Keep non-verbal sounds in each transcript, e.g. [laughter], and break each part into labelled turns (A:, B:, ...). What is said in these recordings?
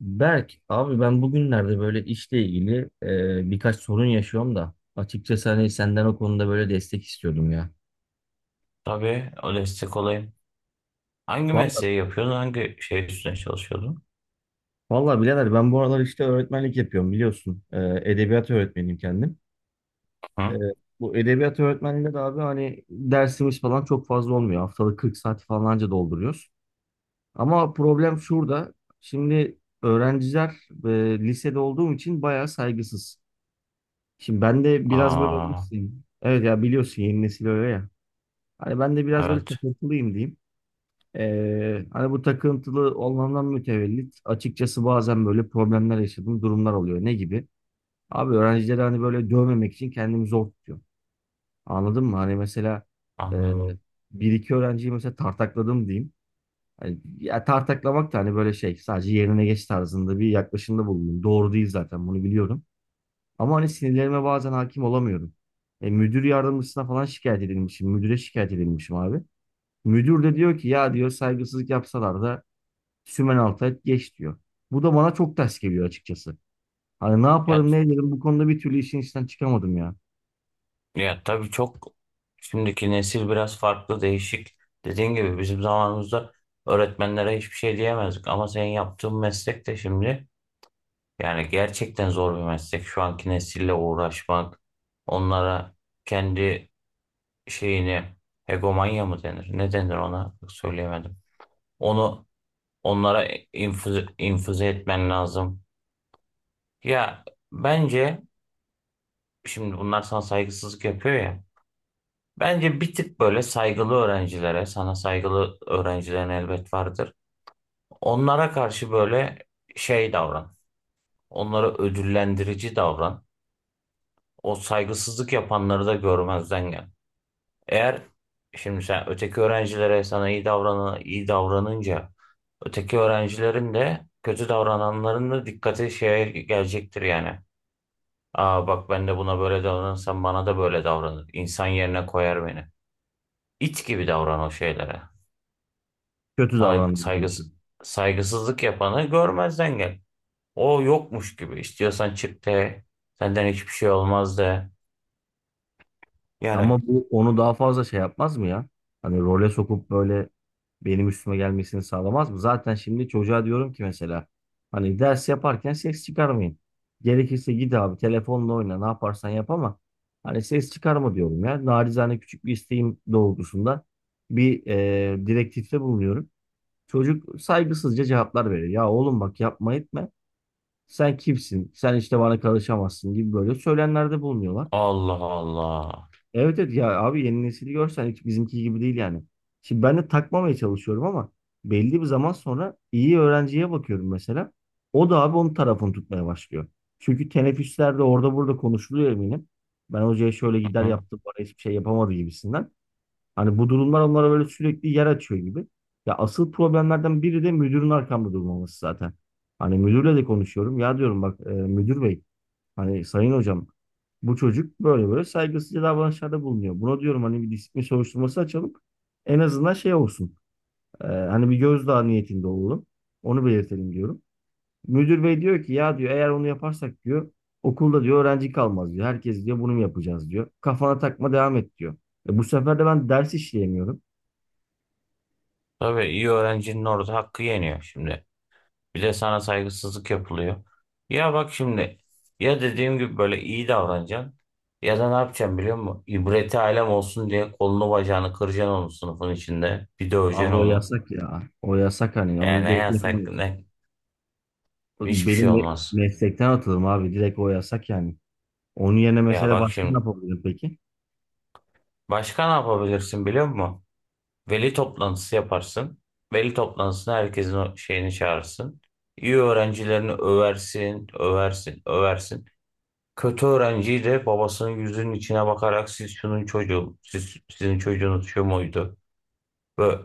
A: Berk, abi ben bugünlerde böyle işle ilgili birkaç sorun yaşıyorum da açıkçası hani senden o konuda böyle destek istiyordum ya.
B: Tabii o destek olayım. Hangi
A: Vallahi,
B: mesleği yapıyordun? Hangi şey üstüne çalışıyordun?
A: vallahi birader ben bu aralar işte öğretmenlik yapıyorum biliyorsun. Edebiyat öğretmeniyim kendim. E,
B: Hı?
A: bu edebiyat öğretmenliğinde de abi hani dersimiz falan çok fazla olmuyor. Haftalık 40 saat falanca dolduruyoruz. Ama problem şurada. Şimdi öğrenciler lisede olduğum için bayağı saygısız. Şimdi ben de biraz böyle...
B: Aa,
A: bilirsin. Evet ya biliyorsun yeni nesil öyle ya. Hani ben de biraz böyle
B: evet,
A: takıntılıyım diyeyim. Hani bu takıntılı olmamdan mütevellit açıkçası bazen böyle problemler yaşadığım durumlar oluyor. Ne gibi? Abi öğrencileri hani böyle dövmemek için kendimi zor tutuyorum. Anladın mı? Hani mesela e,
B: anladım.
A: bir iki öğrenciyi mesela tartakladım diyeyim. Hani, ya tartaklamak da hani böyle şey sadece yerine geç tarzında bir yaklaşımda bulundum. Doğru değil zaten bunu biliyorum. Ama hani sinirlerime bazen hakim olamıyorum. Müdür yardımcısına falan şikayet edilmişim. Müdüre şikayet edilmişim abi. Müdür de diyor ki ya diyor saygısızlık yapsalar da sümen altı geç diyor. Bu da bana çok ters geliyor açıkçası. Hani ne
B: Ya,
A: yaparım ne ederim bu konuda bir türlü işin içinden çıkamadım ya.
B: ya tabii çok, şimdiki nesil biraz farklı, değişik. Dediğin gibi bizim zamanımızda öğretmenlere hiçbir şey diyemezdik. Ama senin yaptığın meslek de şimdi yani gerçekten zor bir meslek. Şu anki nesille uğraşmak, onlara kendi şeyini, hegemonya mı denir? Ne denir ona? Söyleyemedim. Onu, onlara infüze, infüze etmen lazım. Ya bence şimdi bunlar sana saygısızlık yapıyor ya. Bence bir tık böyle saygılı öğrencilere, sana saygılı öğrencilerin elbet vardır. Onlara karşı böyle şey davran. Onlara ödüllendirici davran. O saygısızlık yapanları da görmezden gel. Eğer şimdi sen öteki öğrencilere sana iyi davranan, iyi davranınca öteki öğrencilerin de kötü davrananların da dikkati şeye gelecektir yani. Aa, bak, ben de buna böyle davranırsam bana da böyle davranır. İnsan yerine koyar beni. İt gibi davran o şeylere.
A: Kötü
B: Sana
A: davrandım bu
B: saygıs
A: işin.
B: Saygısızlık yapanı görmezden gel. O yokmuş gibi. İstiyorsan çık de. Senden hiçbir şey olmaz de. Yani
A: Ama bu onu daha fazla şey yapmaz mı ya? Hani role sokup böyle benim üstüme gelmesini sağlamaz mı? Zaten şimdi çocuğa diyorum ki mesela hani ders yaparken ses çıkarmayın. Gerekirse git abi telefonla oyna ne yaparsan yap ama hani ses çıkarma diyorum ya. Narizane küçük bir isteğim doğrultusunda bir direktifte bulunuyorum. Çocuk saygısızca cevaplar veriyor. Ya oğlum bak yapma etme. Sen kimsin? Sen işte bana karışamazsın gibi böyle söylemlerde bulunuyorlar.
B: Allah Allah.
A: Evet evet ya abi yeni nesili görsen hiç bizimki gibi değil yani. Şimdi ben de takmamaya çalışıyorum ama belli bir zaman sonra iyi öğrenciye bakıyorum mesela. O da abi onun tarafını tutmaya başlıyor. Çünkü teneffüslerde orada burada konuşuluyor eminim. Ben hocaya şöyle gider
B: Hı?
A: yaptım bana hiçbir şey yapamadı gibisinden. Hani bu durumlar onlara böyle sürekli yer açıyor gibi. Ya asıl problemlerden biri de müdürün arkamda durmaması zaten. Hani müdürle de konuşuyorum. Ya diyorum bak müdür bey hani sayın hocam bu çocuk böyle böyle saygısızca davranışlarda bulunuyor. Buna diyorum hani bir disiplin soruşturması açalım. En azından şey olsun. Hani bir gözdağı niyetinde olalım. Onu belirtelim diyorum. Müdür bey diyor ki ya diyor eğer onu yaparsak diyor okulda diyor öğrenci kalmaz diyor. Herkes diyor bunu mu yapacağız diyor. Kafana takma devam et diyor. Bu sefer de ben ders işleyemiyorum.
B: Tabii iyi öğrencinin orada hakkı yeniyor şimdi. Bir de sana saygısızlık yapılıyor. Ya bak şimdi, ya dediğim gibi böyle iyi davranacaksın ya da ne yapacaksın biliyor musun? İbreti alem olsun diye kolunu bacağını kıracaksın onun sınıfın içinde. Bir
A: Abi
B: döveceksin
A: o
B: onu.
A: yasak ya. O yasak hani.
B: Yani
A: Onu
B: ne
A: direkt
B: yasak
A: yapamıyoruz.
B: ne hiçbir şey
A: Benim
B: olmaz.
A: meslekten atılırım abi. Direkt o yasak yani. Onun yerine
B: Ya
A: mesela
B: bak
A: başka ne
B: şimdi,
A: yapabilirim peki?
B: başka ne yapabilirsin biliyor musun? Veli toplantısı yaparsın. Veli toplantısına herkesin o şeyini çağırırsın. İyi öğrencilerini översin, översin, översin. Kötü öğrenci de babasının yüzünün içine bakarak, siz şunun çocuğu, siz, sizin çocuğunuz şu muydu? Ve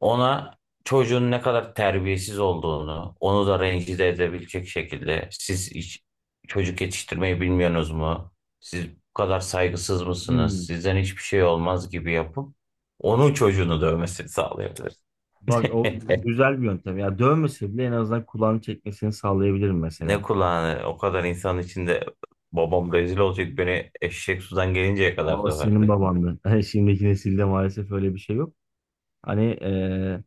B: ona çocuğun ne kadar terbiyesiz olduğunu, onu da rencide edebilecek şekilde, siz hiç çocuk yetiştirmeyi bilmiyorsunuz mu? Siz bu kadar saygısız mısınız?
A: Hmm.
B: Sizden hiçbir şey olmaz gibi yapıp onun çocuğunu dövmesini sağlayabilir.
A: Bak o
B: [laughs]
A: güzel bir yöntem. Ya dövmese bile en azından kulağını çekmesini sağlayabilirim mesela.
B: Ne kulağını, o kadar insan içinde babam rezil olacak, beni eşek sudan gelinceye kadar
A: Ama senin
B: döverdi.
A: babandı. [laughs] Hani şimdiki nesilde maalesef öyle bir şey yok. Hani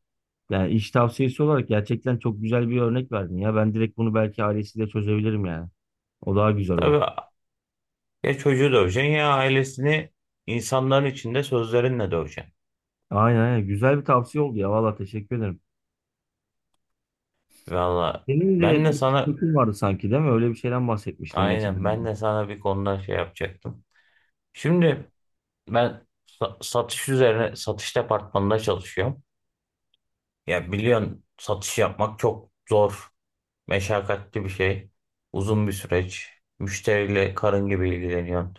A: yani iş tavsiyesi olarak gerçekten çok güzel bir örnek verdin ya. Ben direkt bunu belki ailesiyle çözebilirim yani. O daha güzel olur.
B: Tabii. Ya çocuğu döveceksin ya ailesini insanların içinde sözlerinle döveceksin.
A: Aynen aynen. Güzel bir tavsiye oldu ya. Valla teşekkür ederim.
B: Valla
A: Senin
B: ben
A: de
B: de
A: bir
B: sana,
A: sıkıntın vardı sanki değil mi? Öyle bir şeyden bahsetmiştin geçen.
B: aynen, ben
A: gün.
B: de sana bir konuda şey yapacaktım. Şimdi ben satış üzerine, satış departmanında çalışıyorum. Ya biliyorsun satış yapmak çok zor, meşakkatli bir şey. Uzun bir süreç. Müşteriyle karın gibi ilgileniyorsun.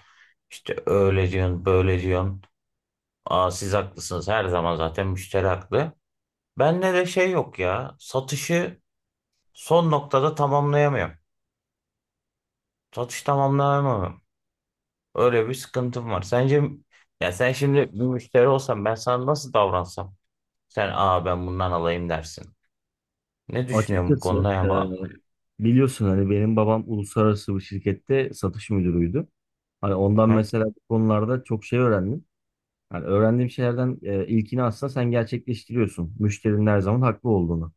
B: İşte öyle diyorsun, böyle diyorsun. Aa, siz haklısınız, her zaman zaten müşteri haklı. Bende de şey yok ya. Satışı son noktada tamamlayamıyorum. Satış tamamlayamıyorum. Öyle bir sıkıntım var. Sence, ya sen şimdi bir müşteri olsan ben sana nasıl davransam? Sen, aa ben bundan alayım, dersin. Ne düşünüyorum bu
A: Açıkçası
B: konuda ya?
A: biliyorsun hani benim babam uluslararası bir şirkette satış müdürüydü. Hani ondan
B: Hı?
A: mesela bu konularda çok şey öğrendim. Hani öğrendiğim şeylerden ilkini aslında sen gerçekleştiriyorsun. Müşterinin her zaman haklı olduğunu.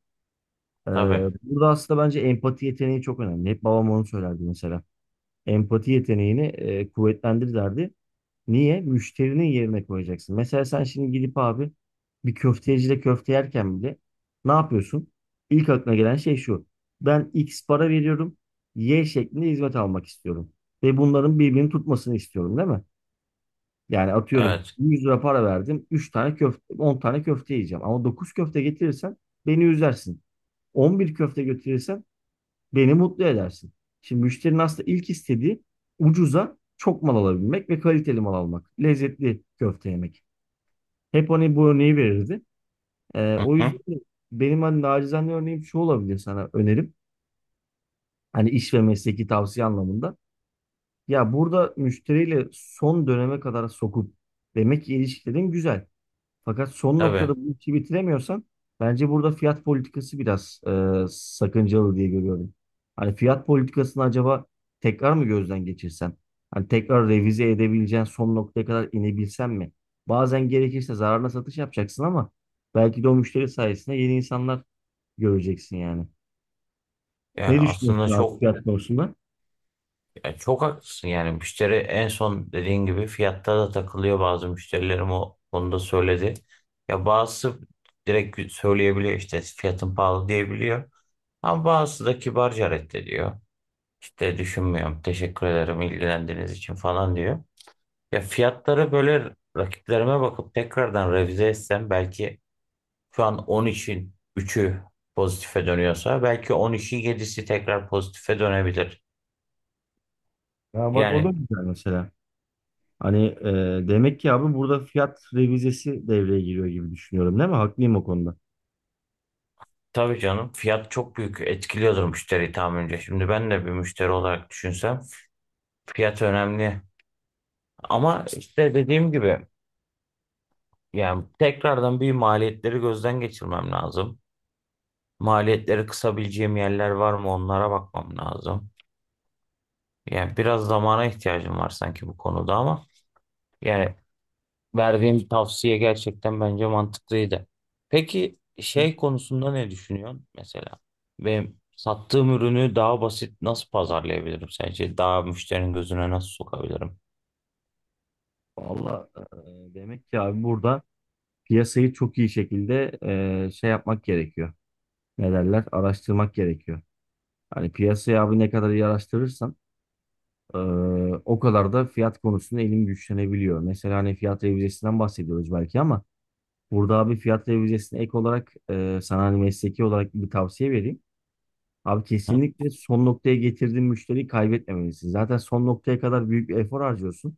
A: E,
B: Tabii.
A: burada aslında bence empati yeteneği çok önemli. Hep babam onu söylerdi mesela. Empati yeteneğini kuvvetlendir derdi. Niye? Müşterinin yerine koyacaksın. Mesela sen şimdi gidip abi bir köftecide köfte yerken bile ne yapıyorsun? İlk aklına gelen şey şu. Ben X para veriyorum. Y şeklinde hizmet almak istiyorum. Ve bunların birbirini tutmasını istiyorum değil mi? Yani atıyorum
B: Evet.
A: 100 lira para verdim. Üç tane köfte, 10 tane köfte yiyeceğim. Ama 9 köfte getirirsen beni üzersin. 11 köfte götürürsen beni mutlu edersin. Şimdi müşterinin aslında ilk istediği ucuza çok mal alabilmek ve kaliteli mal almak. Lezzetli köfte yemek. Hep hani bu örneği verirdi.
B: Hı
A: O
B: hı.
A: yüzden de benim hani nacizane örneğim şu olabilir sana önerim. Hani iş ve mesleki tavsiye anlamında. Ya burada müşteriyle son döneme kadar sokup demek ki ilişkilerin güzel. Fakat son
B: Tabii.
A: noktada bu işi bitiremiyorsan bence burada fiyat politikası biraz sakıncalı diye görüyorum. Hani fiyat politikasını acaba tekrar mı gözden geçirsen? Hani tekrar revize edebileceğin son noktaya kadar inebilsen mi? Bazen gerekirse zararına satış yapacaksın ama belki de o müşteri sayesinde yeni insanlar göreceksin yani.
B: Ya
A: Ne
B: aslında
A: düşünüyorsun abi
B: çok,
A: fiyat konusunda?
B: ya çok haklısın, yani müşteri en son dediğin gibi fiyatta da takılıyor, bazı müşterilerim o konuda söyledi. Ya bazısı direkt söyleyebiliyor, işte fiyatın pahalı diyebiliyor. Ama bazısı da kibarca reddediyor. İşte düşünmüyorum, teşekkür ederim ilgilendiğiniz için falan diyor. Ya fiyatları böyle rakiplerime bakıp tekrardan revize etsem, belki şu an 10 için 3'ü pozitife dönüyorsa, belki 10 için 7'si tekrar pozitife dönebilir.
A: Ya bak o da
B: Yani
A: güzel mesela. Hani demek ki abi burada fiyat revizesi devreye giriyor gibi düşünüyorum değil mi? Haklıyım o konuda.
B: tabii canım fiyat çok büyük etkiliyordur müşteriyi tahminimce. Şimdi ben de bir müşteri olarak düşünsem, fiyat önemli. Ama işte dediğim gibi yani tekrardan bir maliyetleri gözden geçirmem lazım. Maliyetleri kısabileceğim yerler var mı, onlara bakmam lazım. Yani biraz zamana ihtiyacım var sanki bu konuda, ama yani verdiğim tavsiye gerçekten bence mantıklıydı. Peki şey konusunda ne düşünüyorsun mesela? Benim sattığım ürünü daha basit nasıl pazarlayabilirim sence? Daha müşterinin gözüne nasıl sokabilirim?
A: Valla demek ki abi burada piyasayı çok iyi şekilde şey yapmak gerekiyor. Ne derler? Araştırmak gerekiyor. Hani piyasayı abi ne kadar iyi araştırırsan e, o kadar da fiyat konusunda elin güçlenebiliyor. Mesela hani fiyat revizesinden bahsediyoruz belki ama burada abi fiyat revizesine ek olarak sana hani mesleki olarak bir tavsiye vereyim. Abi
B: Hı?
A: kesinlikle son noktaya getirdiğin müşteriyi kaybetmemelisin. Zaten son noktaya kadar büyük bir efor harcıyorsun.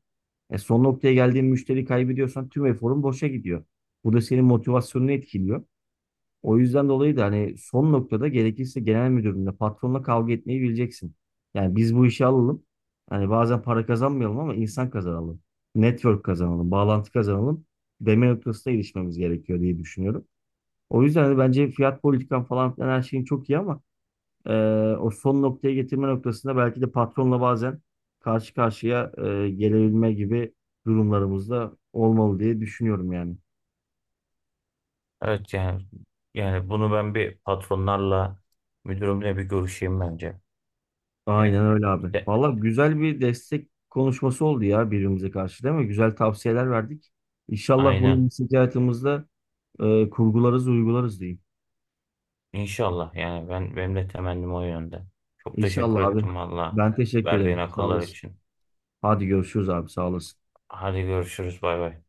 A: Son noktaya geldiğin müşteri kaybediyorsan tüm eforun boşa gidiyor. Bu da senin motivasyonunu etkiliyor. O yüzden dolayı da hani son noktada gerekirse genel müdürünle, patronla kavga etmeyi bileceksin. Yani biz bu işi alalım. Hani bazen para kazanmayalım ama insan kazanalım. Network kazanalım, bağlantı kazanalım. Deme noktasına erişmemiz gerekiyor diye düşünüyorum. O yüzden hani bence fiyat politikan falan filan her şeyin çok iyi ama ee, o son noktaya getirme noktasında belki de patronla bazen karşı karşıya gelebilme gibi durumlarımızda olmalı diye düşünüyorum yani.
B: Evet yani, yani bunu ben bir patronlarla, müdürümle bir görüşeyim bence. Yani,
A: Aynen öyle abi.
B: de-
A: Valla güzel bir destek konuşması oldu ya birbirimize karşı değil mi? Güzel tavsiyeler verdik. İnşallah
B: aynen.
A: bunu iş hayatımızda kurgularız, uygularız diyeyim.
B: İnşallah yani, ben, benim de temennim o yönde. Çok teşekkür
A: İnşallah abi.
B: ettim valla,
A: Ben teşekkür
B: verdiğin
A: ederim. Sağ
B: akıllar
A: olasın.
B: için.
A: Hadi görüşürüz abi. Sağ olasın.
B: Hadi görüşürüz, bay bay.